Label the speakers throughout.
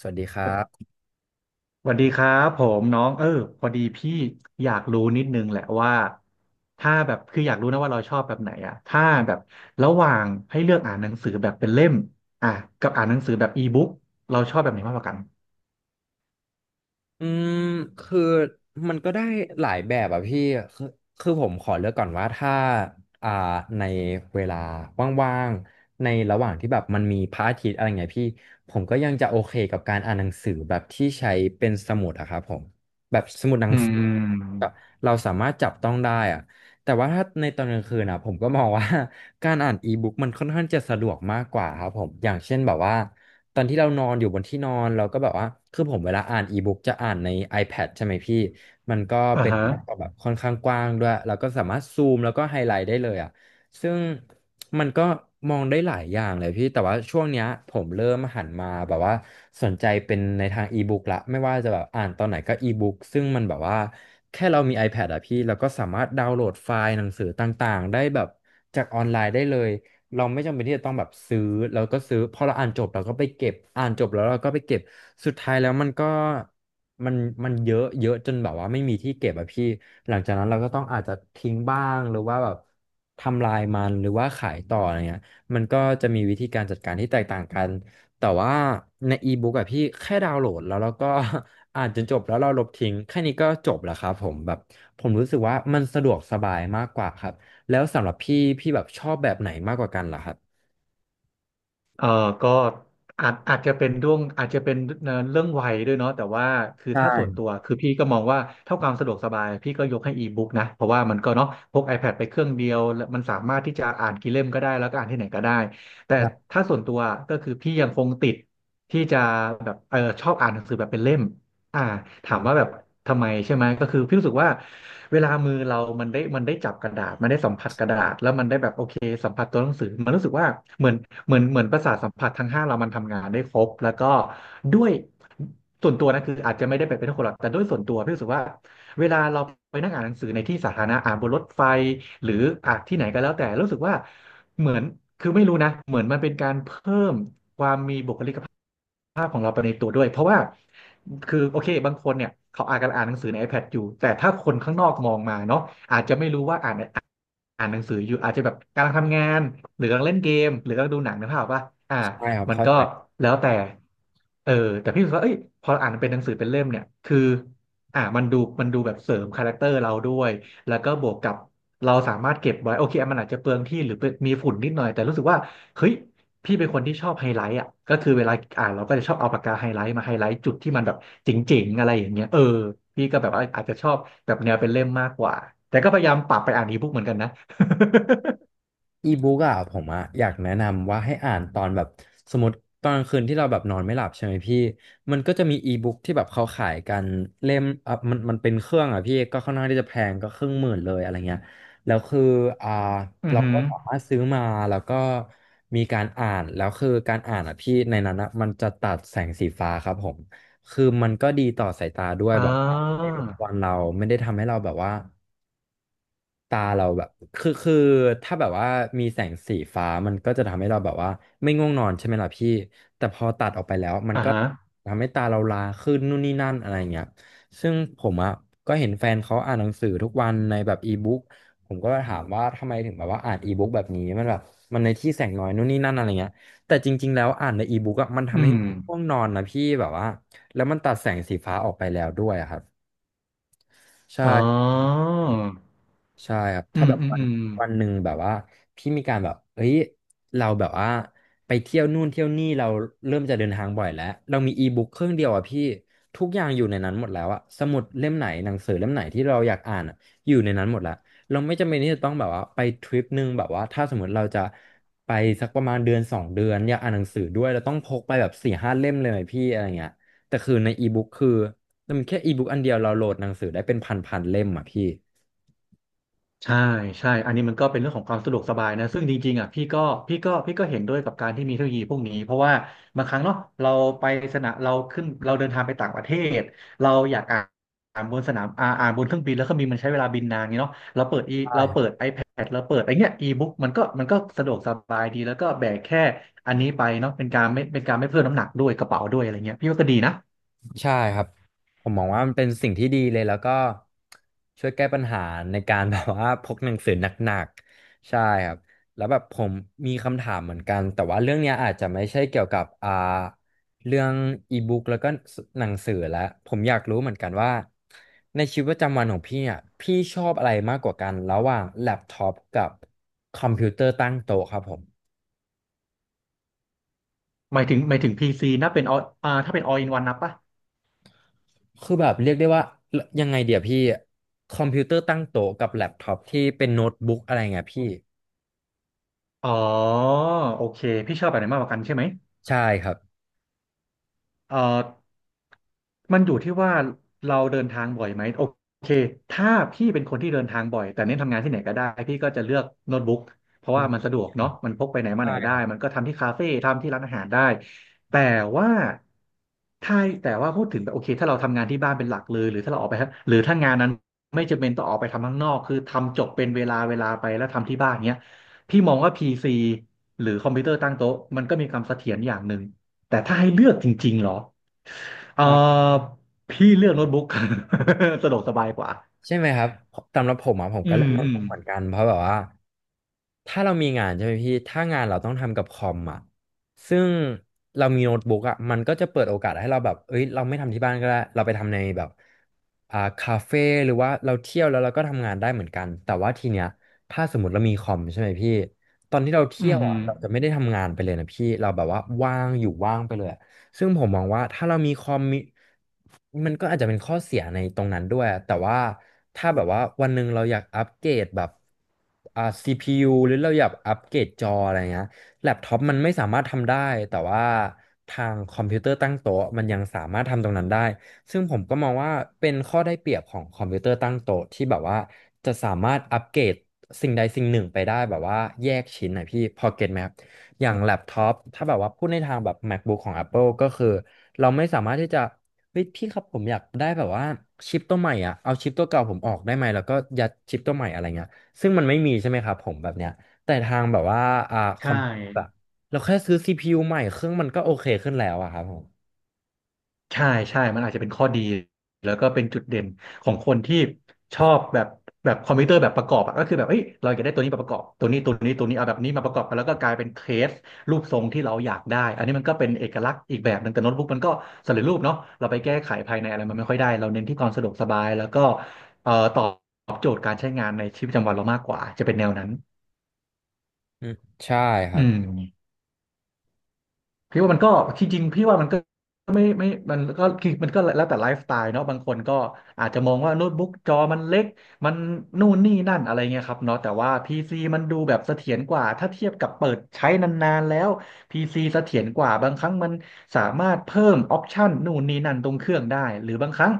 Speaker 1: สวัสดีครั
Speaker 2: ส
Speaker 1: บ
Speaker 2: วัสดีครับผมน้องพอดีพี่อยากรู้นิดนึงแหละว่าถ้าแบบคืออยากรู้นะว่าเราชอบแบบไหนอะถ้าแบบระหว่างให้เลือกอ่านหนังสือแบบเป็นเล่มอ่ะกับอ่านหนังสือแบบอีบุ๊กเราชอบแบบไหนมากกว่ากัน
Speaker 1: อืมคือมันก็ได้หลายแบบอ่ะพี่คือคือผมขอเลือกก่อนว่าถ้าอ่าในเวลาว่างๆ ในระหว่างที่แบบมันมีพระอาทิตย์อะไรเงี้ยพี่ผมก็ยังจะโอเคกับการอ่านหนังสือแบบที่ใช้เป็นสมุดอะครับผมแบบสมุดหนั
Speaker 2: อื
Speaker 1: งสือแบ
Speaker 2: ม
Speaker 1: บเราสามารถจับต้องได้อะแต่ว่าถ้าในตอนกลางคืนอะผมก็มองว่า การอ่านอีบุ๊กมันค่อนข้างจะสะดวกมากกว่าครับผมอย่างเช่นแบบว่า ตอนที่เรานอนอยู่บนที่นอนเราก็แบบว่าคือผมเวลาอ่านอีบุ๊กจะอ่านใน iPad ใช่ไหมพี่มันก็
Speaker 2: อ่า
Speaker 1: เป็น
Speaker 2: ฮะ
Speaker 1: แอปแบบค่อนข้างกว้างด้วยเราก็สามารถซูมแล้วก็ไฮไลท์ได้เลยอ่ะซึ่งมันก็มองได้หลายอย่างเลยพี่แต่ว่าช่วงเนี้ยผมเริ่มหันมาแบบว่าสนใจเป็นในทางอีบุ๊กละไม่ว่าจะแบบอ่านตอนไหนก็อีบุ๊กซึ่งมันแบบว่าแค่เรามี iPad อะพี่เราก็สามารถดาวน์โหลดไฟล์หนังสือต่างๆได้แบบจากออนไลน์ได้เลย เราไม่จำเป็นที่จะต้องแบบซื้อแล้วก็ซื้อพอเราอ่านจบเราก็ไปเก็บอ่านจบแล้วเราก็ไปเก็บสุดท้ายแล้วมันก็มันมันเยอะเยอะจนแบบว่าไม่มีที่เก็บอะพี่หลังจากนั้นเราก็ต้องอาจจะทิ้งบ้างหรือว่าแบบทำลายมันหรือว่าขายต่ออะไรเงี้ยมันก็จะมีวิธีการจัดการที่แตกต่างกันแต่ว่าในอีบุ๊กอะพี่แค่ดาวน์โหลดแล้วเราก็ อ่านจนจบแล้วเราลบทิ้งแค่นี้ก็จบแล้วครับผมแบบผมรู้สึกว่ามันสะดวกสบายมากกว่าครับ แล้วสำหรับพี่พี่แบบชอบแบบไหนมากกว่ากันเหรอครับ
Speaker 2: เออก็อาจจะเป็นด้วงอาจจะเป็นเรื่องวัยด้วยเนาะแต่ว่าคือถ้าส่วน
Speaker 1: ใช่
Speaker 2: ตัวคือพี่ก็มองว่าเท่าความสะดวกสบายพี่ก็ยกให้อีบุ๊กนะเพราะว่ามันก็เนาะพก iPad ไปเครื่องเดียวแล้วมันสามารถที่จะอ่านกี่เล่มก็ได้แล้วก็อ่านที่ไหนก็ได้แต่
Speaker 1: ครับ
Speaker 2: ถ้าส่วนตัวก็คือพี่ยังคงติดที่จะแบบชอบอ่านหนังสือแบบเป็นเล่ม อ่าถา
Speaker 1: ใช่
Speaker 2: มว่า
Speaker 1: ค
Speaker 2: แบ
Speaker 1: รับ
Speaker 2: บทำไมใช่ไหมก็คือพี่รู้สึกว่าเวลามือเรา มันได้จับกระดาษมันได้สัมผัสกระดาษแล้วมันได้แบบโอเคสัมผัสตัวหนังสือมันรู้สึกว่าเหมือนเหมือนประสาทสัมผัสทั้งห้าเรามันทำงานได้ครบแล้วก็ด้วยส่วนตัวนะคืออาจจะไม่ได้แบบเป็นคนหรอกแต่ด้วยส่วนตัวพี่รู้สึกว่าเวลาเราไปนั่งอ่านหนังสือในที่สาธารณะอ่านบนรถไฟหรืออ่านที่ไหนก็แล้วแต่รู้สึกว่าเหมือนคือไม่รู้นะเหมือนมันเป็นการเพิ่ม ภาพของเราไปในตัวด้วยเพราะว่าคือโอเคบางคนเนี่ยเขาอาจจะอ่านหนังสือใน iPad อยู่แต่ถ้าคนข้างนอกมองมาเนาะอาจจะไม่รู้ว่าอ่าน อ่านหนังสืออยู่อาจจะแบบกำลังทำงานหรือกำลังเล่นเกมหรือกำลังดูหนังนะพ่อป่ะอ่ามัน
Speaker 1: เข้า
Speaker 2: ก็
Speaker 1: ใจ
Speaker 2: แล้วแต่เออแต่พี่รู้สึกว่าเอ้ยพออ่านเป็นหนังสือเป็นเล่มเนี่ยคืออ่ามันดูแบบเสริมคาแรคเตอร์เราด้วยแล้วก็บวกกับเราสามารถเก็บไว้โอเคอ่ะมันอาจจะเปลืองที่หรือเป็นมีฝุ่นนิดหน่อยแต่รู้สึกว่าเฮ้ยพี่เป็นคนที่ชอบไฮไลท์อ่ะก็คือเวลาอ่านเราก็จะชอบเอาปากกาไฮไลท์มาไฮไลท์จุดที่มันแบบเจ๋งๆอะไรอย่างเงี้ยพี่ก็แบบว่าอาจจะชอบแบบแนวเป็นเล่มมากกว่าแต่ก็พยายามปรับไปอ่านอีบุ๊กเหมือนกันนะ
Speaker 1: อีบุ๊กอะผมอะอยากแนะนำว่าให้อ่านตอนแบบสมมติตอนกลางคืนที่เราแบบนอนไม่หลับใช่ไหมพี่มันก็จะมีอีบุ๊กที่แบบเขาขายกันเล่มอ่ะมันเป็นเครื่องอะพี่ก็ค่อนข้างที่จะแพงก็ครึ่งหมื่นเลยอะไรเงี้ยแล้วคืออ่า
Speaker 2: อือ
Speaker 1: เรา
Speaker 2: หื
Speaker 1: ก็
Speaker 2: อ
Speaker 1: สามารถซื้อมาแล้วก็มีการอ่านแล้วคือการอ่านอะพี่ในนั้นอะมันจะตัดแสงสีฟ้าครับผมคือมันก็ดีต่อสายตาด้วย
Speaker 2: อ่
Speaker 1: แบบว่าไม่ได้
Speaker 2: า
Speaker 1: รบกวนเราไม่ได้ทำให้เราแบบว่า ตาเราแบบคือถ้าแบบว่ามีแสงสีฟ้ามันก็จะทำให้เราแบบว่าไม่ง่วงนอนใช่ไหมล่ะพี่แต่พอตัดออกไปแล้วมัน
Speaker 2: อ่า
Speaker 1: ก็
Speaker 2: ฮะ
Speaker 1: ทำให้ตาเราลาขึ้นนู่นนี่นั่นอะไรเงี้ยซึ่งผมอ่ะก็เห็นแฟนเขาอ่านหนังสือทุกวันในแบบอีบุ๊กผมก็ถามว่าทำไมถึงแบบว่าอ่านอีบุ๊กแบบนี้มันแบบมันในที่แสงน้อยนู่นนี่นั่นอะไรเงี้ยแต่จริงๆแล้วอ่านในอีบุ๊กอ่ะมัน
Speaker 2: อื
Speaker 1: ทำให้
Speaker 2: ม
Speaker 1: ง่วงนอนนะพี่แบบว่าแล้วมันตัดแสงสีฟ้าออกไปแล้วด้วยอะครับใช่
Speaker 2: อ๋อ
Speaker 1: ใช่ครับ
Speaker 2: อื
Speaker 1: ถ้า
Speaker 2: ม
Speaker 1: แบบ
Speaker 2: อืมอืม
Speaker 1: วันหนึ่งแบบว่าพี่มีการแบบเฮ้ยเราแบบว่าไปเที่ยวนู่นเที่ยวนี่เราเริ่มจะเดินทางบ่อยแล้วเรามีอีบุ๊กเครื่องเดียวอ่ะพี่ทุกอย่างอยู่ในนั้นหมดแล้วอะสมุดเล่มไหนหนังสือเล่มไหนที่เราอยากอ่านอะอยู่ในนั้นหมดแล้วเราไม่จำเป็นที่จะต้องแบบว่าไปทริปหนึ่งแบบว่าถ้าสมมติเราจะไปสักประมาณเดือนสองเดือนอยากอ่านหนังสือด้วยเราต้องพกไปแบบสี่ห้าเล่มเลยไหมพี่อะไรเงี้ยแต่คือในอีบุ๊กคือมันแค่อีบุ๊กอันเดียวเราโหลดหนังสือได้เป็นพันพันเล่มอ่ะพี่
Speaker 2: ใช่ใช่อันนี้มันก็เป็นเรื่องของความสะดวกสบายนะซึ่งจริงๆอ่ะพี่ก็พี่ก็เห็นด้วยกับการที่มีเทคโนโลยีพวกนี้เพราะว่าบางครั้งเนาะเราไปสนามเราขึ้นเราเดินทางไปต่างประเทศเราอยากอ่านอ่านบนสนามอ่านบนเครื่องบินแล้วเครื่องบินมันใช้เวลาบินนานไงเนาะเราเปิดอีเราเปิด iPad เราเปิดไอเนี้ยอีบุ๊กมันก็สะดวกสบายดีแล้วก็แบกแค่อันนี้ไปเนาะเป็นการไม่เป็นการไม่เพิ่มน้ำหนักด้วยกระเป๋าด้วยอะไรเงี้ยพี่ว่าก็ดีนะ
Speaker 1: ใช่ครับผมมองว่ามันเป็นสิ่งที่ดีเลยแล้วก็ช่วยแก้ปัญหาในการ แบบว่าพกหนังสือหนักๆใช่ครับแล้วแบบผมมีคำถามเหมือนกันแต่ว่าเรื่องเนี้ยอาจจะไม่ใช่เกี่ยวกับเรื่องอีบุ๊กแล้วก็หนังสือแล้วผมอยากรู้เหมือนกันว่าในชีวิตประจำวันของพี่อ่ะพี่ชอบอะไรมากกว่ากันระหว่างแล็ปท็อปกับคอมพิวเตอร์ตั้งโต๊ะครับผม
Speaker 2: หมายถึงพีซีนะเป็นอถ้าเป็น all in one นับปะ
Speaker 1: คือแบบเรียกได้ว่ายังไงเดี๋ยวพี่คอมพิวเตอร์ตั้งโต๊ะกับแล็ปท็อปที่เป็นโน้ตบุ๊กอะไรเงี้ยพี่
Speaker 2: อ๋อโอเคพี่ชอบแบบไหนมากกว่ากันใช่ไหม
Speaker 1: ใช่ครับ
Speaker 2: เอ่อมันอยู่ที่ว่าเราเดินทางบ่อยไหมโอเคถ้าพี่เป็นคนที่เดินทางบ่อยแต่เน้นทำงานที่ไหนก็ได้พี่ก็จะเลือกโน้ตบุ๊กเพราะ
Speaker 1: อื
Speaker 2: ว่ามัน
Speaker 1: ม
Speaker 2: สะดวกเนาะมันพกไปไหนมา
Speaker 1: ใช่
Speaker 2: ไหนได้
Speaker 1: ครับ
Speaker 2: มันก็ทำที่คาเฟ่ทำที่ร้านอาหารได้แต่ว่าถ้าแต่ว่าพูดถึงแบบโอเคถ้าเราทำงานที่บ้านเป็นหลักเลยหรือถ้าเราออกไปฮะหรือถ้างานนั้นไม่จำเป็นต้องออกไปทำข้างนอกคือทำจบเป็นเวลาเวลาไปแล้วทำที่บ้านเนี้ยพี่มองว่าพีซีหรือคอมพิวเตอร์ตั้งโต๊ะมันก็มีความเสถียรอย่างหนึ่ง แต่ถ้าให้เลือกจริงๆเหรอเออพี่เลือกโน้ตบุ๊ก สะดวกสบายกว่า
Speaker 1: ใช่ไหมครับสำหรับผมอ่ะผม
Speaker 2: อื
Speaker 1: ก็เล่
Speaker 2: ม
Speaker 1: นโน้ต
Speaker 2: อืม
Speaker 1: บุ๊กเหมือนกันเพราะแบบว่า ถ้าเรามีงานใช่ไหมพี่ถ้างานเราต้องทำกับคอมอ่ะซึ่งเรามีโน้ตบุ๊กอ่ะมันก็จะเปิดโอกาสให้เราแบบเอ้ยเราไม่ทำที่บ้านก็ได้เราไปทำในแบบคาเฟ่หรือว่าเราเที่ยวแล้วเราก็ทำงานได้เหมือนกันแต่ว่าทีเนี้ยถ้าสมมติเรามีคอมใช่ไหมพี่ตอนที่เราเที่
Speaker 2: อืื
Speaker 1: ยวอ่ะ
Speaker 2: อ
Speaker 1: เราจะไม่ได้ทำงานไปเลยนะพี่เราแบบว่าว่างอยู่ว่างไปเลย ซึ่งผมมองว่าถ้าเรามีคอมมิมันก็อาจจะเป็นข้อเสียในตรงนั้นด้วยแต่ว่าถ้าแบบว่าวันหนึ่งเราอยากอัปเกรดแบบCPU หรือเราอยากอัปเกรดจออะไรเงี้ยแล็ปท็อปมันไม่สามารถทำได้แต่ว่าทางคอมพิวเตอร์ตั้งโต๊ะมันยังสามารถทำตรงนั้นได้ซึ่งผมก็มองว่าเป็นข้อได้เปรียบของคอมพิวเตอร์ตั้งโต๊ะที่แบบว่าจะสามารถอัปเกรดสิ่งใดสิ่งหนึ่งไปได้แบบว่าแยกชิ้นนะพี่พอเก็ตไหมครับ อย่างแล็ปท็อปถ้าแบบว่าพูดในทางแบบ MacBook ของ Apple ก็คือเราไม่สามารถที่จะเฮ้ยพี่ครับผมอยากได้แบบว่าชิปตัวใหม่อ่ะเอาชิปตัวเก่าผมออกได้ไหมแล้วก็ยัดชิปตัวใหม่อะไรเงี้ยซึ่งมันไม่มีใช่ไหมครับผมแบบเนี้ยแต่ทางแบบว่าคอ
Speaker 2: ใช่
Speaker 1: มพิวเตอร์อะเราแค่ซื้อ CPU ใหม่เครื่องมันก็โอเคขึ้นแล้วอะครับผม
Speaker 2: ใช่ใช่มันอาจจะเป็นข้อดีแล้วก็เป็นจุดเด่นของคนที่ชอบแบบแบบคอมพิวเตอร์แบบประกอบอะก็คือแบบเอ้ยเราอยากได้ตัวนี้มาประกอบตัวนี้ตัวนี้ตัวนี้เอาแบบนี้มาประกอบกันแล้วก็กลายเป็นเคสรูปทรงที่เราอยากได้อันนี้มันก็เป็นเอกลักษณ์อีกแบบหนึ่งแต่โน้ตบุ๊กมันก็สำเร็จรูปเนาะเราไปแก้ไขภายในอะไรมันไม่ค่อยได้เราเน้นที่ความสะดวกสบายแล้วก็ตอบโจทย์การใช้งานในชีวิตประจำวันเรามากกว่าจะเป็นแนวนั้น
Speaker 1: อืมใช่ค
Speaker 2: อื
Speaker 1: รับ
Speaker 2: ม พี่ว่ามันก็จริงๆพี่ว่ามันก็ไม่มันก็คือมันก็แล้วแต่ไลฟ์สไตล์เนาะบางคนก็อาจจะมองว่าโน้ตบุ๊กจอมันเล็กมันนู่นนี่นั่นอะไรเงี้ยครับเนาะแต่ว่า PC มันดูแบบเสถียรกว่าถ้าเทียบกับเปิดใช้นานๆแล้ว PC เสถียรกว่าบางครั้งมันสามารถเพิ่มออปชันนู่นนี่นั่นตรงเครื่องได้หรือบางครั้ง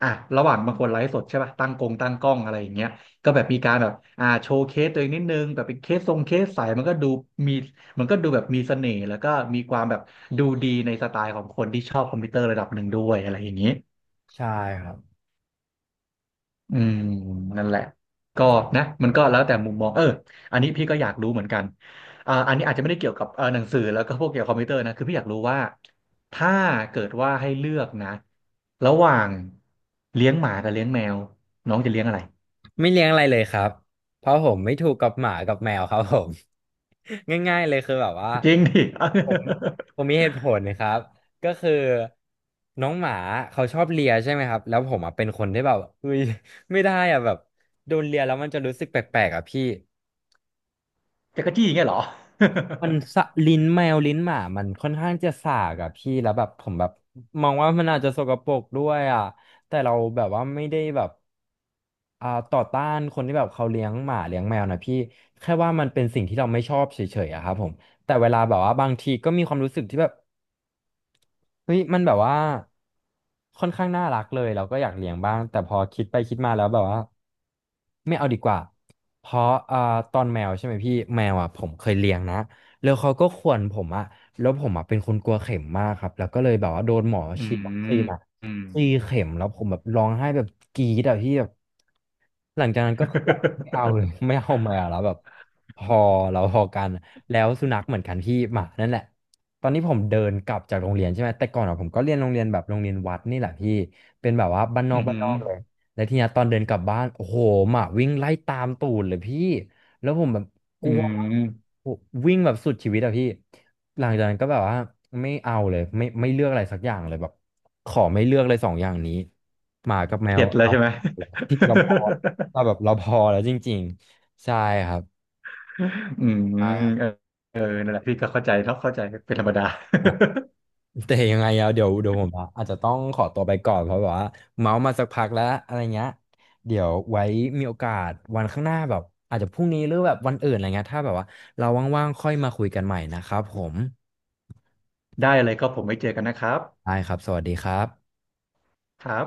Speaker 2: อ่ะระหว่างบางคนไลฟ์สดใช่ป่ะตั้งกงตั้งกล้องอะไรอย่างเงี้ยก็แบบมีการแบบอ่าโชว์เคสตัวเองนิดนึงแบบเป็นเคสทรงเคสใสมันก็ดูมี มันก็ดูแบบมีเสน่ห์แล้วก็มีความแบบดูดีในสไตล์ของคนที่ชอบคอมพิวเตอร์ระดับหนึ่งด้วยอะไรอย่างนี้
Speaker 1: ใช่ครับ
Speaker 2: อืมนั่นแหละก็นะมันก็แล้วแต่มุมมองอันนี้พี่ก็อยากรู้เหมือนกันอ่าอันนี้อาจจะไม่ได้เกี่ยวกับหนังสือแล้วก็พวกเกี่ยวกับคอมพิวเตอร์นะคือพี่อยากรู้ว่าถ้าเกิดว่าให้เลือกนะระหว่างเลี้ยงหมากับเลี้ยงแมวน้องจะเลี้ยงอะไร
Speaker 1: ไม่เลี้ยงอะไรเลยครับเพราะผมไม่ถูกกับหมากับแมวครับผม ง่ายๆเลยคือแบบว่า
Speaker 2: จริงดิ
Speaker 1: ผมผมมีเหตุผลนะครับก็คือน้องหมาเขาชอบเลียใช่ไหมครับแล้วผมอ่ะเป็นคนที่แบบเฮ้ยไม่ได้อ่ะแบบโดนเลียแล้วมันจะรู้สึกแปลกๆอ่ะพี่
Speaker 2: จักรจี้อย่างเงี้ยเหรอ
Speaker 1: มันสะลิ้นแมวลิ้นหมามันค่อนข้างจะสากอ่ะพี่แล้วแบบผมแบบมองว่ามันอาจจะสกปรกด้วยอ่ะแต่เราแบบว่าไม่ได้แบบต่อต้านคนที่แบบเขาเลี้ยงหมาเลี้ยงแมวนะพี่แค่ว่ามันเป็นสิ่งที่เราไม่ชอบเฉยๆอะครับผมแต่เวลาแบบว่าบางทีก็มีความรู้สึกที่แบบ เฮ้ยมันแบบว่าค่อนข้างน่ารักเลยเราก็อยากเลี้ยงบ้างแต่พอคิดไปคิดมาแล้วแบบว่าไม่เอาดีกว่าเพราะตอนแมวใช่ไหมพี่แมวอ่ะผมเคยเลี้ยงนะ แล้วเขาก็ข่วนผมอะแล้วผมอะเป็นคนกลัวเข็มมากครับแล้วก็เลยแบบว่าโดนหมอ
Speaker 2: อื
Speaker 1: ฉีดวัคซี
Speaker 2: ม
Speaker 1: นอะ
Speaker 2: อืม
Speaker 1: สี่เข็มแล้วผมแบบร้องไห้แบบกรี๊ดอะพี่แบบหลังจากนั้นก็คือแบบไม่เอาเลย ไม่เอามาแล้วแบบพอเราพอกันแล้วสุนัขเหมือนกันพี่หมานั่นแหละตอนนี้ผมเดินกลับจากโรงเรียนใช่ไหมแต่ก่อนอะผมก็เรียนโรงเรียนแบบโรงเรียนวัดนี่แหละพี่เป็นแบบว่าบ้านน
Speaker 2: อื
Speaker 1: อกบ้านน
Speaker 2: ม
Speaker 1: อกเลยแล้วทีเนี้ยตอนเดินกลับบ้านโอ้โหหมาวิ่งไล่ตามตูดเลยพี่แล้วผมแบบ ก
Speaker 2: อื
Speaker 1: ลัว
Speaker 2: ม
Speaker 1: วิ่งแบบสุดชีวิตอะพี่หลังจากนั้นก็แบบว่าไม่เอาเลยไม่เลือกอะไรสักอย่างเลยแบบขอไม่เลือกเลยสองอย่างนี้หมากับแมว
Speaker 2: เข็ดแล้ว
Speaker 1: เอา
Speaker 2: ใช่ไหม
Speaker 1: ที่เราพอเราแบบเราพอแล้วจริงๆใช่ครับ
Speaker 2: อืม
Speaker 1: ใช่ครับ
Speaker 2: เออเออนั่นแหละพี่ก็เข้าใจเนาะเข้าใจเป็นธรรมดา
Speaker 1: อ่ะแต่ยังไงอะเดี๋ยวผมอะอาจจะต้องขอตัวไปก่อนเพราะแบบว่าเมาส์มาสักพักแล้วอะไรเงี้ยเดี๋ยวไว้มีโอกาสวันข้างหน้าแบบอาจจะพรุ่งนี้หรือแบบวันอื่นอะไรเงี้ยถ้าแบบว่าเราว่างๆค่อยมาคุยกันใหม่นะครับผม
Speaker 2: ได้เลยก็ผมไว้เจอกันนะครับ
Speaker 1: ได้ครับสวัสดีครับ
Speaker 2: ครับ